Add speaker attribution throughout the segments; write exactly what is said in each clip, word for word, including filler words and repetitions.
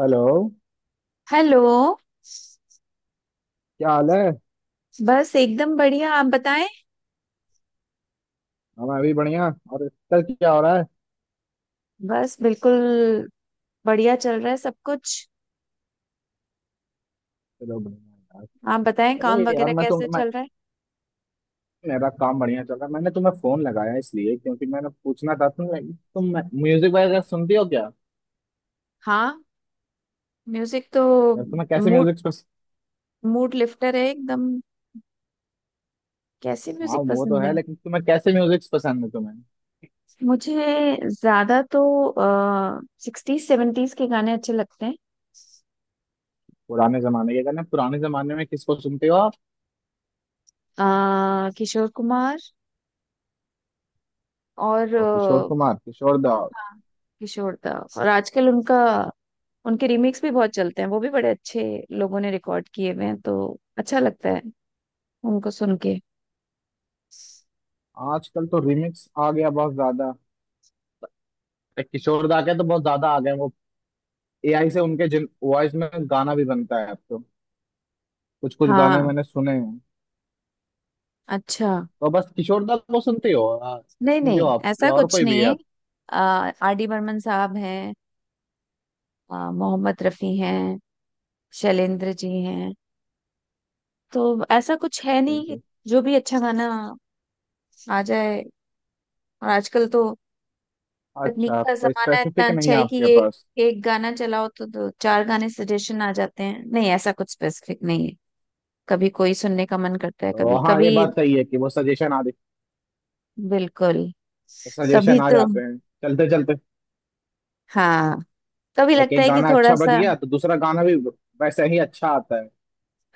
Speaker 1: Hello.
Speaker 2: Hello.
Speaker 1: क्या हाल है?
Speaker 2: बस एकदम बढ़िया। आप बताएं।
Speaker 1: हाँ, मैं भी बढ़िया। और कल क्या हो रहा है?
Speaker 2: बस बिल्कुल। बढ़िया चल रहा है सब कुछ।
Speaker 1: चलो बढ़िया।
Speaker 2: आप बताएं,
Speaker 1: अरे
Speaker 2: काम
Speaker 1: यार
Speaker 2: वगैरह
Speaker 1: मैं तुम
Speaker 2: कैसे
Speaker 1: मैं
Speaker 2: चल रहा है?
Speaker 1: मेरा काम बढ़िया चल रहा है। मैंने तुम्हें फोन लगाया इसलिए क्योंकि मैंने पूछना था तुम तुम म्यूजिक वगैरह सुनती हो क्या?
Speaker 2: हाँ, म्यूजिक तो।
Speaker 1: यार, तुम्हें कैसे
Speaker 2: मूड
Speaker 1: म्यूजिक पसंद?
Speaker 2: मूड लिफ्टर है एकदम। कैसे
Speaker 1: हाँ,
Speaker 2: म्यूजिक
Speaker 1: वो तो
Speaker 2: पसंद है?
Speaker 1: है, लेकिन तुम्हें कैसे म्यूजिक पसंद है तुम्हें?
Speaker 2: मुझे ज्यादा तो आ, सिक्सटीज सेवेंटीज के गाने अच्छे लगते हैं।
Speaker 1: पुराने जमाने के गाने। पुराने जमाने में किसको सुनते हो आप?
Speaker 2: अ, किशोर कुमार और
Speaker 1: और किशोर
Speaker 2: अ,
Speaker 1: कुमार? किशोर दा?
Speaker 2: हाँ, किशोर दा। और आजकल उनका, उनके रीमिक्स भी बहुत चलते हैं। वो भी बड़े अच्छे लोगों ने रिकॉर्ड किए हुए हैं, तो अच्छा लगता है उनको सुन के।
Speaker 1: आजकल तो रिमिक्स आ गया बहुत ज्यादा। एक किशोर दा के तो बहुत ज्यादा आ गए वो। एआई से उनके जिन वॉइस में गाना भी बनता है अब तो। कुछ कुछ गाने
Speaker 2: हाँ,
Speaker 1: मैंने सुने हैं।
Speaker 2: अच्छा।
Speaker 1: तो बस किशोर दा को सुनते हो, आ,
Speaker 2: नहीं,
Speaker 1: सुनते हो
Speaker 2: नहीं,
Speaker 1: आप,
Speaker 2: ऐसा
Speaker 1: या और
Speaker 2: कुछ
Speaker 1: कोई भी
Speaker 2: नहीं
Speaker 1: है
Speaker 2: है।
Speaker 1: आप?
Speaker 2: आर डी बर्मन साहब हैं, आ, मोहम्मद रफी हैं, शैलेंद्र जी हैं, तो ऐसा कुछ है नहीं।
Speaker 1: जी।
Speaker 2: जो भी अच्छा गाना आ जाए। और आजकल तो
Speaker 1: अच्छा,
Speaker 2: तकनीक का
Speaker 1: आपको
Speaker 2: जमाना इतना
Speaker 1: स्पेसिफिक नहीं
Speaker 2: अच्छा
Speaker 1: है
Speaker 2: है कि
Speaker 1: आपके
Speaker 2: एक
Speaker 1: पास?
Speaker 2: एक गाना चलाओ तो दो चार गाने सजेशन आ जाते हैं। नहीं, ऐसा कुछ स्पेसिफिक नहीं है। कभी कोई सुनने का मन करता है,
Speaker 1: तो
Speaker 2: कभी
Speaker 1: हाँ, ये
Speaker 2: कभी।
Speaker 1: बात सही है कि वो सजेशन आ
Speaker 2: बिल्कुल।
Speaker 1: वो
Speaker 2: कभी
Speaker 1: सजेशन आ
Speaker 2: तो।
Speaker 1: जाते हैं चलते चलते।
Speaker 2: हाँ। कभी
Speaker 1: लाइक
Speaker 2: लगता
Speaker 1: एक
Speaker 2: है कि
Speaker 1: गाना अच्छा
Speaker 2: थोड़ा
Speaker 1: बज
Speaker 2: सा।
Speaker 1: गया तो दूसरा गाना भी वैसे ही अच्छा आता है।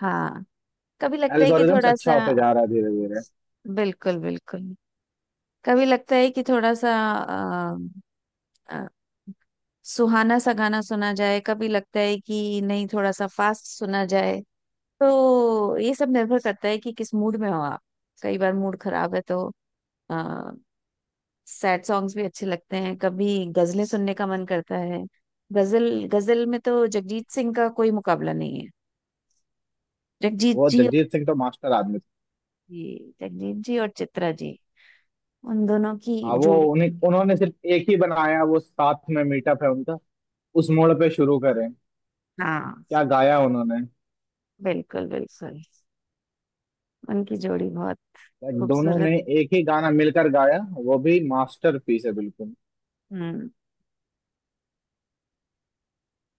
Speaker 2: हाँ, कभी लगता है कि
Speaker 1: एल्गोरिदम्स
Speaker 2: थोड़ा
Speaker 1: अच्छा
Speaker 2: सा।
Speaker 1: होता जा रहा है धीरे धीरे।
Speaker 2: बिल्कुल, बिल्कुल। कभी लगता है कि थोड़ा सा अ, अ, सुहाना सा गाना सुना जाए, कभी लगता है कि नहीं, थोड़ा सा फास्ट सुना जाए। तो ये सब निर्भर करता है कि किस मूड में हो आप। कई बार मूड खराब है, तो सैड सॉन्ग्स भी अच्छे लगते हैं। कभी गजलें सुनने का मन करता है। गजल गजल में तो जगजीत सिंह का कोई मुकाबला नहीं है। जगजीत
Speaker 1: वो
Speaker 2: जी और।
Speaker 1: जगजीत सिंह तो मास्टर आदमी थे।
Speaker 2: जी, जगजीत जी और चित्रा जी, उन दोनों की
Speaker 1: हाँ, वो
Speaker 2: जोड़ी।
Speaker 1: उन्हें उन्होंने सिर्फ एक ही बनाया, वो साथ में मीटअप है उनका। उस मोड़ पे शुरू करें।
Speaker 2: हाँ,
Speaker 1: क्या गाया उन्होंने!
Speaker 2: बिल्कुल, बिल्कुल, उनकी जोड़ी बहुत
Speaker 1: दोनों
Speaker 2: खूबसूरत।
Speaker 1: ने एक ही गाना मिलकर गाया। वो भी मास्टरपीस है बिल्कुल।
Speaker 2: हम्म।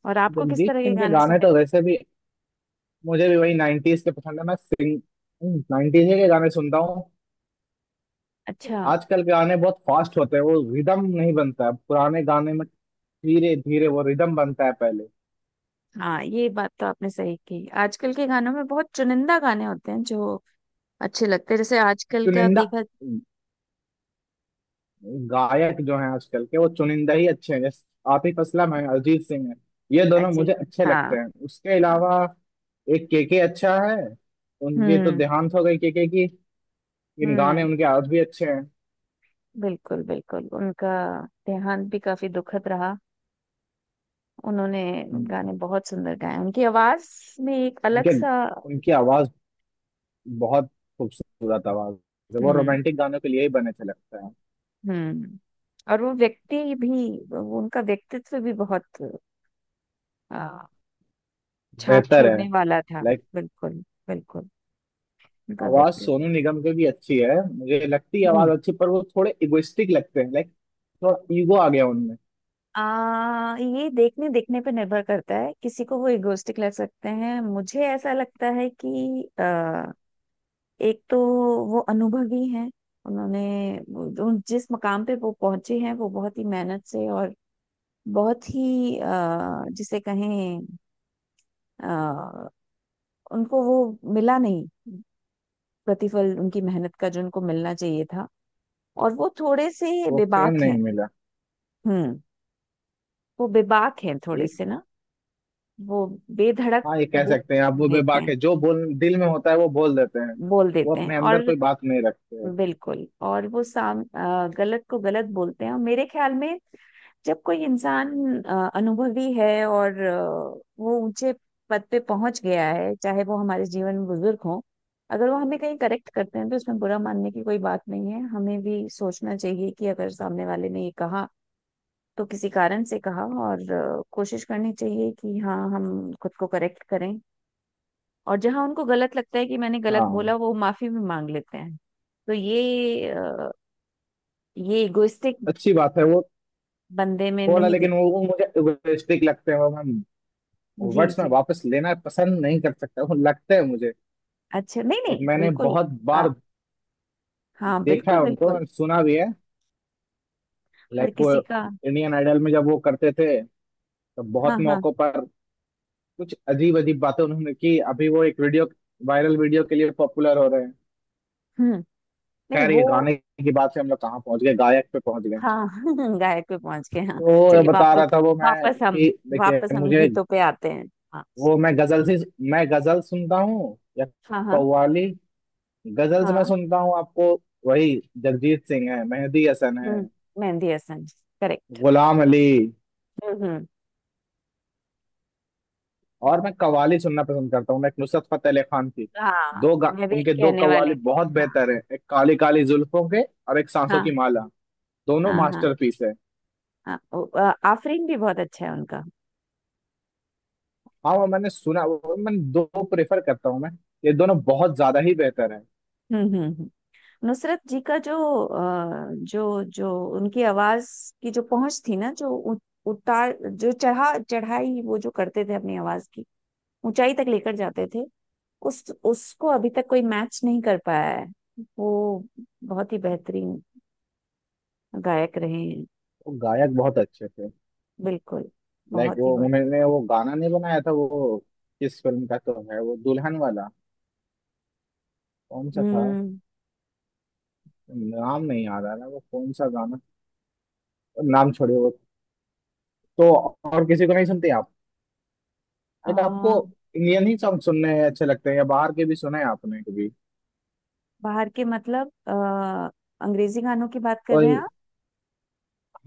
Speaker 2: और आपको किस
Speaker 1: जगजीत
Speaker 2: तरह के
Speaker 1: सिंह के
Speaker 2: गाने
Speaker 1: गाने
Speaker 2: सुनने?
Speaker 1: तो वैसे भी मुझे भी वही नाइंटीज के पसंद है। मैं सिंग नाइंटीज के गाने सुनता हूँ।
Speaker 2: अच्छा।
Speaker 1: आजकल के गाने बहुत फास्ट होते हैं, वो रिदम नहीं बनता है पुराने गाने में। धीरे धीरे वो रिदम बनता है पहले।
Speaker 2: हाँ, ये बात तो आपने सही की, आजकल के गानों में बहुत चुनिंदा गाने होते हैं जो अच्छे लगते हैं। जैसे आजकल का
Speaker 1: चुनिंदा
Speaker 2: देखा,
Speaker 1: गायक जो है आजकल के, वो चुनिंदा ही अच्छे हैं, जैसे आतिफ असलम है, अरिजीत सिंह है। ये दोनों
Speaker 2: अजी।
Speaker 1: मुझे अच्छे
Speaker 2: हाँ,
Speaker 1: लगते हैं। उसके
Speaker 2: हाँ।
Speaker 1: अलावा एक केके अच्छा है। उनकी तो
Speaker 2: हम्म,
Speaker 1: देहांत हो गई केके की। लेकिन गाने
Speaker 2: हम्म,
Speaker 1: उनके आज भी अच्छे हैं।
Speaker 2: बिल्कुल, बिल्कुल, उनका देहांत भी काफी दुखद रहा। उन्होंने
Speaker 1: हम्म।
Speaker 2: गाने बहुत सुंदर गाए, उनकी आवाज में एक अलग
Speaker 1: उनके
Speaker 2: सा।
Speaker 1: उनकी आवाज बहुत खूबसूरत आवाज है। वो
Speaker 2: हम्म,
Speaker 1: रोमांटिक गानों के लिए ही बने थे लगता है।
Speaker 2: हम्म। और वो व्यक्ति भी, वो उनका व्यक्तित्व भी बहुत आ, छाप
Speaker 1: बेहतर है।
Speaker 2: छोड़ने वाला था।
Speaker 1: लाइक।
Speaker 2: बिल्कुल, बिल्कुल, उनका
Speaker 1: आवाज सोनू
Speaker 2: व्यक्तित्व।
Speaker 1: निगम की भी अच्छी है मुझे लगती है। आवाज
Speaker 2: हम्म।
Speaker 1: अच्छी, पर वो थोड़े इगोइस्टिक लगते हैं। लाइक थोड़ा ईगो आ गया उनमें।
Speaker 2: आ, ये देखने देखने पे निर्भर करता है, किसी को वो इगोस्टिक लग सकते हैं। मुझे ऐसा लगता है कि एक तो वो अनुभवी हैं, उन्होंने वो- जो- जिस मकाम पे वो पहुंचे हैं वो बहुत ही मेहनत से, और बहुत ही अ, जिसे कहें, अ, उनको वो मिला नहीं प्रतिफल उनकी मेहनत का जो उनको मिलना चाहिए था। और वो थोड़े से
Speaker 1: वो फेम
Speaker 2: बेबाक
Speaker 1: नहीं
Speaker 2: हैं।
Speaker 1: मिला।
Speaker 2: हम्म। वो बेबाक हैं थोड़े
Speaker 1: एक,
Speaker 2: से ना, वो बेधड़क
Speaker 1: हाँ, ये कह
Speaker 2: बोल
Speaker 1: सकते हैं आप, वो
Speaker 2: देते
Speaker 1: बेबाक
Speaker 2: हैं।
Speaker 1: है। जो बोल दिल में होता है वो बोल देते हैं।
Speaker 2: बोल
Speaker 1: वो
Speaker 2: देते हैं,
Speaker 1: अपने अंदर
Speaker 2: और
Speaker 1: कोई बात नहीं रखते हैं।
Speaker 2: बिल्कुल। और वो साम अ, गलत को गलत बोलते हैं, और मेरे ख्याल में जब कोई इंसान अ, अनुभवी है और अ, वो ऊंचे पद पे पहुंच गया है, चाहे वो हमारे जीवन में बुजुर्ग हो, अगर वो हमें कहीं करेक्ट करते हैं तो उसमें बुरा मानने की कोई बात नहीं है। हमें भी सोचना चाहिए कि अगर सामने वाले ने ये कहा तो किसी कारण से कहा, और अ, कोशिश करनी चाहिए कि हाँ, हम खुद को करेक्ट करें। और जहां उनको गलत लगता है कि मैंने गलत
Speaker 1: हाँ,
Speaker 2: बोला, वो माफी भी मांग लेते हैं। तो ये अ, ये इगोइस्टिक
Speaker 1: अच्छी बात है वो।
Speaker 2: बंदे में
Speaker 1: थोड़ा,
Speaker 2: नहीं
Speaker 1: लेकिन
Speaker 2: देख।
Speaker 1: वो वो मुझे इगोइस्टिक लगते हैं। वो मैं
Speaker 2: जी,
Speaker 1: वर्ड्स में
Speaker 2: जी,
Speaker 1: वापस लेना पसंद नहीं कर सकता हूँ, लगता है मुझे।
Speaker 2: अच्छा, नहीं,
Speaker 1: लाइक
Speaker 2: नहीं,
Speaker 1: मैंने
Speaker 2: बिल्कुल।
Speaker 1: बहुत
Speaker 2: आप।
Speaker 1: बार
Speaker 2: हाँ,
Speaker 1: देखा
Speaker 2: बिल्कुल,
Speaker 1: है उनको
Speaker 2: बिल्कुल।
Speaker 1: and सुना भी है।
Speaker 2: हर
Speaker 1: लाइक वो
Speaker 2: किसी का।
Speaker 1: इंडियन आइडल में जब वो करते थे तो बहुत
Speaker 2: हाँ, हाँ।
Speaker 1: मौकों पर कुछ अजीब अजीब बातें उन्होंने की। अभी वो एक वीडियो वायरल वीडियो के लिए पॉपुलर हो रहे हैं।
Speaker 2: हम्म। नहीं,
Speaker 1: खैर, ये
Speaker 2: वो।
Speaker 1: गाने की बात से हम लोग कहाँ पहुंच गए, गायक पे पहुंच गए।
Speaker 2: हाँ। गायक पे पहुंच गए, हाँ।
Speaker 1: तो ये
Speaker 2: चलिए
Speaker 1: बता रहा
Speaker 2: वापस।
Speaker 1: था वो मैं
Speaker 2: वापस हम
Speaker 1: कि देखिए
Speaker 2: वापस हम
Speaker 1: मुझे,
Speaker 2: गीतों पे आते हैं। हाँ,
Speaker 1: वो मैं गजल से मैं गजल सुनता हूँ या
Speaker 2: हाँ, हाँ,
Speaker 1: कव्वाली। गजल्स मैं
Speaker 2: हाँ,
Speaker 1: सुनता हूँ आपको। वही जगजीत सिंह है, मेहदी हसन है,
Speaker 2: हम्म, मेहंदी हसन, करेक्ट।
Speaker 1: गुलाम अली।
Speaker 2: हम्म, हम्म,
Speaker 1: और मैं कव्वाली सुनना पसंद करता हूँ। मैं एक नुसरत फतेह अली खान की
Speaker 2: हाँ,
Speaker 1: दो गा,
Speaker 2: मैं भी
Speaker 1: उनके दो
Speaker 2: कहने
Speaker 1: कव्वाली
Speaker 2: वाली थी,
Speaker 1: बहुत
Speaker 2: हाँ।
Speaker 1: बेहतर है। एक काली काली जुल्फों के, और एक सांसों
Speaker 2: हाँ,
Speaker 1: की माला। दोनों
Speaker 2: हाँ, हाँ,
Speaker 1: मास्टरपीस है।
Speaker 2: हाँ, ओ, अ, आफरीन भी बहुत अच्छा है उनका।
Speaker 1: हाँ, वो मैंने सुना। वो मैं दो प्रेफर करता हूँ मैं। ये दोनों बहुत ज्यादा ही बेहतर है।
Speaker 2: हम्म, हम्म, हम्म। नुसरत जी का जो अ, जो जो उनकी आवाज की जो पहुंच थी ना, जो उ- उतार, जो चढ़ा चढ़ाई वो जो करते थे, अपनी आवाज की ऊंचाई तक लेकर जाते थे, उस उसको अभी तक कोई मैच नहीं कर पाया है। वो बहुत ही बेहतरीन गायक रहे हैं।
Speaker 1: वो गायक बहुत अच्छे थे।
Speaker 2: बिल्कुल,
Speaker 1: लाइक
Speaker 2: बहुत ही
Speaker 1: वो
Speaker 2: बढ़िया।
Speaker 1: उन्होंने वो गाना नहीं बनाया था, वो किस फिल्म का तो है, वो दुल्हन वाला। कौन सा था?
Speaker 2: हम्म।
Speaker 1: नाम नहीं याद आ रहा वो कौन सा गाना। नाम छोड़िए वो। तो और किसी को नहीं सुनते आप?
Speaker 2: अ,
Speaker 1: एक आपको इंडियन ही सॉन्ग सुनने अच्छे लगते हैं, या बाहर के भी सुने हैं आपने कभी?
Speaker 2: बाहर के मतलब, अ, अंग्रेजी गानों की बात कर रहे हैं
Speaker 1: और
Speaker 2: आप?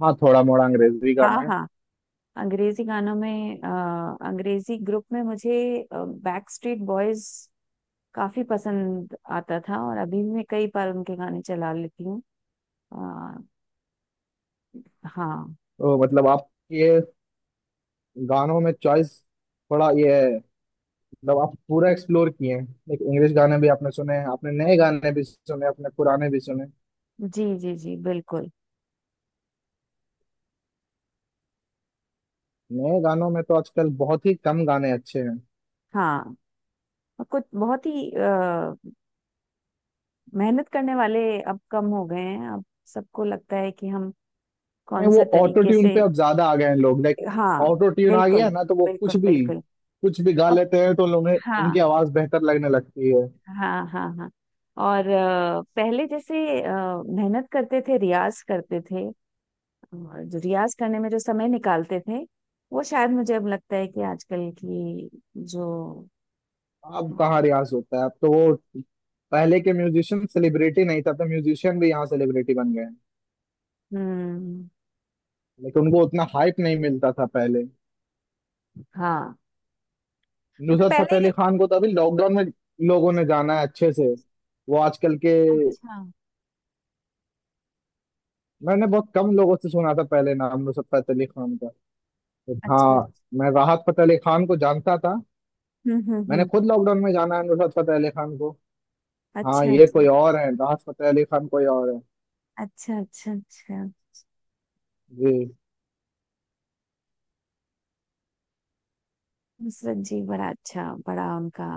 Speaker 1: हाँ, थोड़ा मोड़ा अंग्रेजी
Speaker 2: हाँ,
Speaker 1: गाना है।
Speaker 2: हाँ, अंग्रेजी गानों में, अ, अंग्रेजी ग्रुप में मुझे बैक स्ट्रीट बॉयज काफी पसंद आता था, और अभी भी मैं कई बार उनके गाने चला लेती हूँ। अ, हाँ,
Speaker 1: तो मतलब आप ये गानों में चॉइस थोड़ा ये है, मतलब आप पूरा एक्सप्लोर किए हैं। एक इंग्लिश गाने भी आपने सुने हैं, आपने नए गाने भी सुने, अपने पुराने भी सुने।
Speaker 2: जी, जी, जी, बिल्कुल।
Speaker 1: नए गानों में तो आजकल बहुत ही कम गाने अच्छे हैं।
Speaker 2: हाँ, और कुछ बहुत ही अ, मेहनत करने वाले अब कम हो गए हैं। अब सबको लगता है कि हम
Speaker 1: नहीं,
Speaker 2: कौन
Speaker 1: वो
Speaker 2: से
Speaker 1: ऑटो
Speaker 2: तरीके
Speaker 1: ट्यून
Speaker 2: से।
Speaker 1: पे अब ज्यादा आ गए हैं लोग। लाइक
Speaker 2: हाँ,
Speaker 1: ऑटो ट्यून आ गया
Speaker 2: बिल्कुल,
Speaker 1: है ना, तो वो कुछ
Speaker 2: बिल्कुल,
Speaker 1: भी
Speaker 2: बिल्कुल।
Speaker 1: कुछ भी गा
Speaker 2: अब,
Speaker 1: लेते हैं। तो उन्हें उनकी
Speaker 2: हाँ,
Speaker 1: आवाज बेहतर लगने लगती है।
Speaker 2: हाँ, हाँ, हाँ। और अ, पहले जैसे अ, मेहनत करते थे, रियाज करते थे, और जो रियाज करने में जो समय निकालते थे, वो शायद मुझे अब लगता है कि आजकल की जो।
Speaker 1: अब कहाँ रियाज होता है, अब तो वो। पहले के म्यूजिशियन सेलिब्रिटी नहीं था, तो म्यूजिशियन भी यहाँ सेलिब्रिटी बन गए हैं।
Speaker 2: हम्म।
Speaker 1: लेकिन उनको उतना हाइप नहीं मिलता था पहले।
Speaker 2: हाँ, मतलब
Speaker 1: नुसरत
Speaker 2: पहले।
Speaker 1: फतेह अली खान को तो अभी लॉकडाउन में लोगों ने जाना है अच्छे से। वो आजकल के।
Speaker 2: अच्छा,
Speaker 1: मैंने बहुत कम लोगों से सुना था पहले नाम नुसरत फतेह अली खान का।
Speaker 2: अच्छा,
Speaker 1: हाँ, मैं राहत फतेह अली खान को जानता था।
Speaker 2: हम्म, हम्म,
Speaker 1: मैंने
Speaker 2: हम्म,
Speaker 1: खुद लॉकडाउन में जाना है नुसरत फतेह अली खान को। हाँ,
Speaker 2: अच्छा,
Speaker 1: ये
Speaker 2: अच्छा,
Speaker 1: कोई और है, राहत फतेह अली खान कोई और है।
Speaker 2: अच्छा, अच्छा, अच्छा।
Speaker 1: जी।
Speaker 2: नुसरत जी बड़ा अच्छा, बड़ा उनका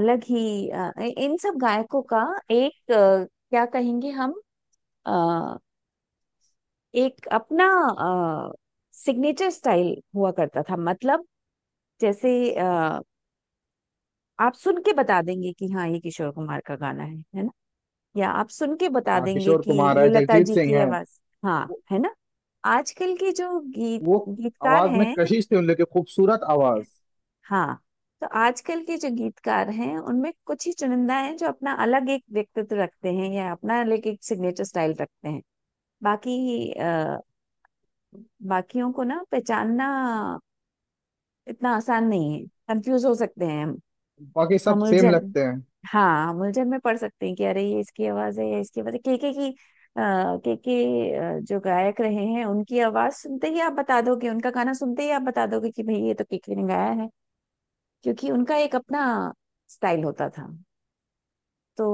Speaker 2: अलग ही अ, इन सब गायकों का एक अ, क्या कहेंगे हम, एक अपना सिग्नेचर स्टाइल हुआ करता था। मतलब जैसे, अ, आप सुन के बता देंगे कि हाँ ये किशोर कुमार का गाना है है ना? या आप सुन के बता
Speaker 1: हाँ,
Speaker 2: देंगे
Speaker 1: किशोर
Speaker 2: कि
Speaker 1: कुमार
Speaker 2: ये
Speaker 1: है,
Speaker 2: लता
Speaker 1: जगजीत
Speaker 2: जी
Speaker 1: सिंह
Speaker 2: की
Speaker 1: है।
Speaker 2: आवाज, हाँ,
Speaker 1: वो,
Speaker 2: है ना? आजकल के जो गीत
Speaker 1: वो
Speaker 2: गीतकार
Speaker 1: आवाज में
Speaker 2: हैं,
Speaker 1: कशिश थी उन लोग की, खूबसूरत आवाज।
Speaker 2: हाँ, तो आजकल के जो गीतकार हैं उनमें कुछ ही चुनिंदा हैं जो अपना अलग एक व्यक्तित्व रखते हैं या अपना अलग एक सिग्नेचर स्टाइल रखते हैं। बाकी आ, बाकियों को ना पहचानना इतना आसान नहीं है, कंफ्यूज हो सकते हैं हम।
Speaker 1: बाकी सब
Speaker 2: हम
Speaker 1: सेम
Speaker 2: उलझन,
Speaker 1: लगते हैं।
Speaker 2: हाँ, हम उलझन में पढ़ सकते हैं कि अरे ये इसकी आवाज है या इसकी आवाज है केके की। आ, केके जो गायक रहे हैं, उनकी आवाज सुनते ही आप बता दोगे, उनका गाना सुनते ही आप बता दोगे कि भाई ये तो केके ने गाया है। क्योंकि उनका एक अपना स्टाइल होता था, तो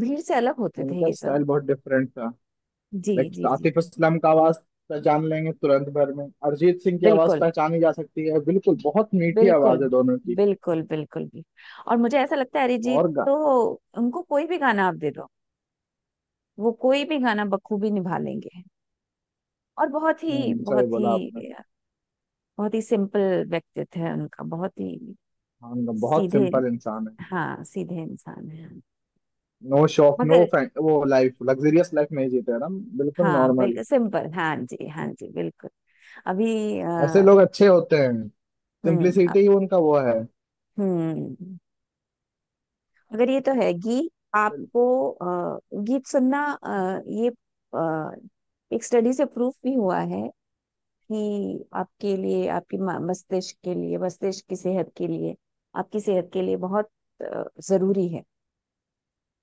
Speaker 2: भीड़ से अलग होते थे
Speaker 1: उनका
Speaker 2: ये
Speaker 1: स्टाइल
Speaker 2: सब।
Speaker 1: बहुत डिफरेंट था।
Speaker 2: जी,
Speaker 1: लाइक
Speaker 2: जी, जी,
Speaker 1: आतिफ
Speaker 2: जी,
Speaker 1: असलम का आवाज पहचान लेंगे तुरंत भर में। अरिजीत सिंह की आवाज
Speaker 2: बिल्कुल,
Speaker 1: पहचानी जा सकती है बिल्कुल, बहुत मीठी
Speaker 2: बिल्कुल,
Speaker 1: आवाज है दोनों की।
Speaker 2: बिल्कुल, बिल्कुल भी। और मुझे ऐसा लगता है अरिजीत
Speaker 1: और गा।
Speaker 2: तो, उनको कोई भी गाना आप दे दो, वो कोई भी गाना बखूबी निभा लेंगे। और बहुत ही,
Speaker 1: हम्म, सही
Speaker 2: बहुत ही,
Speaker 1: बोला आपने।
Speaker 2: बहुत ही सिंपल व्यक्तित्व है उनका, बहुत ही
Speaker 1: हाँ, उनका बहुत
Speaker 2: सीधे।
Speaker 1: सिंपल इंसान है।
Speaker 2: हाँ, सीधे इंसान है।
Speaker 1: No shop no.
Speaker 2: मगर,
Speaker 1: वो लाइफ लग्जरियस लाइफ नहीं जीते हैं, हम बिल्कुल
Speaker 2: हाँ,
Speaker 1: नॉर्मल।
Speaker 2: बिल्कुल सिंपल, हाँ जी, हाँ जी, बिल्कुल। अभी
Speaker 1: ऐसे
Speaker 2: अ,
Speaker 1: लोग अच्छे होते हैं।
Speaker 2: हम्म, अ,
Speaker 1: सिंप्लिसिटी ही उनका वो है।
Speaker 2: हम्म, मगर ये तो है गीत। आपको अ, गीत सुनना, अ, ये अ, एक स्टडी से प्रूफ भी हुआ है ही, आपके लिए, आपकी मा- मस्तिष्क के लिए, मस्तिष्क की सेहत के लिए, आपकी सेहत के लिए बहुत अ, जरूरी है।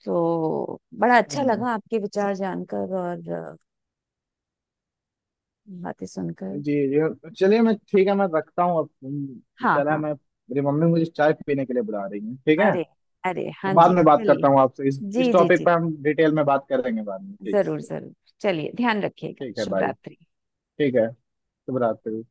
Speaker 2: तो बड़ा अच्छा
Speaker 1: हम्म,
Speaker 2: लगा आपके विचार जानकर और अ, बातें सुनकर।
Speaker 1: जी जी, चलिए। मैं ठीक है, मैं रखता हूँ अब। हम्म,
Speaker 2: हाँ,
Speaker 1: चला
Speaker 2: हाँ,
Speaker 1: मैं, मेरी मम्मी मुझे चाय पीने के लिए बुला रही है, ठीक है?
Speaker 2: अरे, अरे, हाँ
Speaker 1: मैं बाद
Speaker 2: जी,
Speaker 1: में बात
Speaker 2: चलिए।
Speaker 1: करता हूँ आपसे। इस इस
Speaker 2: जी, जी,
Speaker 1: टॉपिक पर
Speaker 2: जी,
Speaker 1: हम डिटेल में बात करेंगे बाद में ठीक
Speaker 2: जरूर,
Speaker 1: से।
Speaker 2: जरूर। चलिए, ध्यान रखिएगा,
Speaker 1: ठीक है
Speaker 2: शुभ
Speaker 1: भाई।
Speaker 2: रात्रि।
Speaker 1: ठीक है। शुभ रात्रि।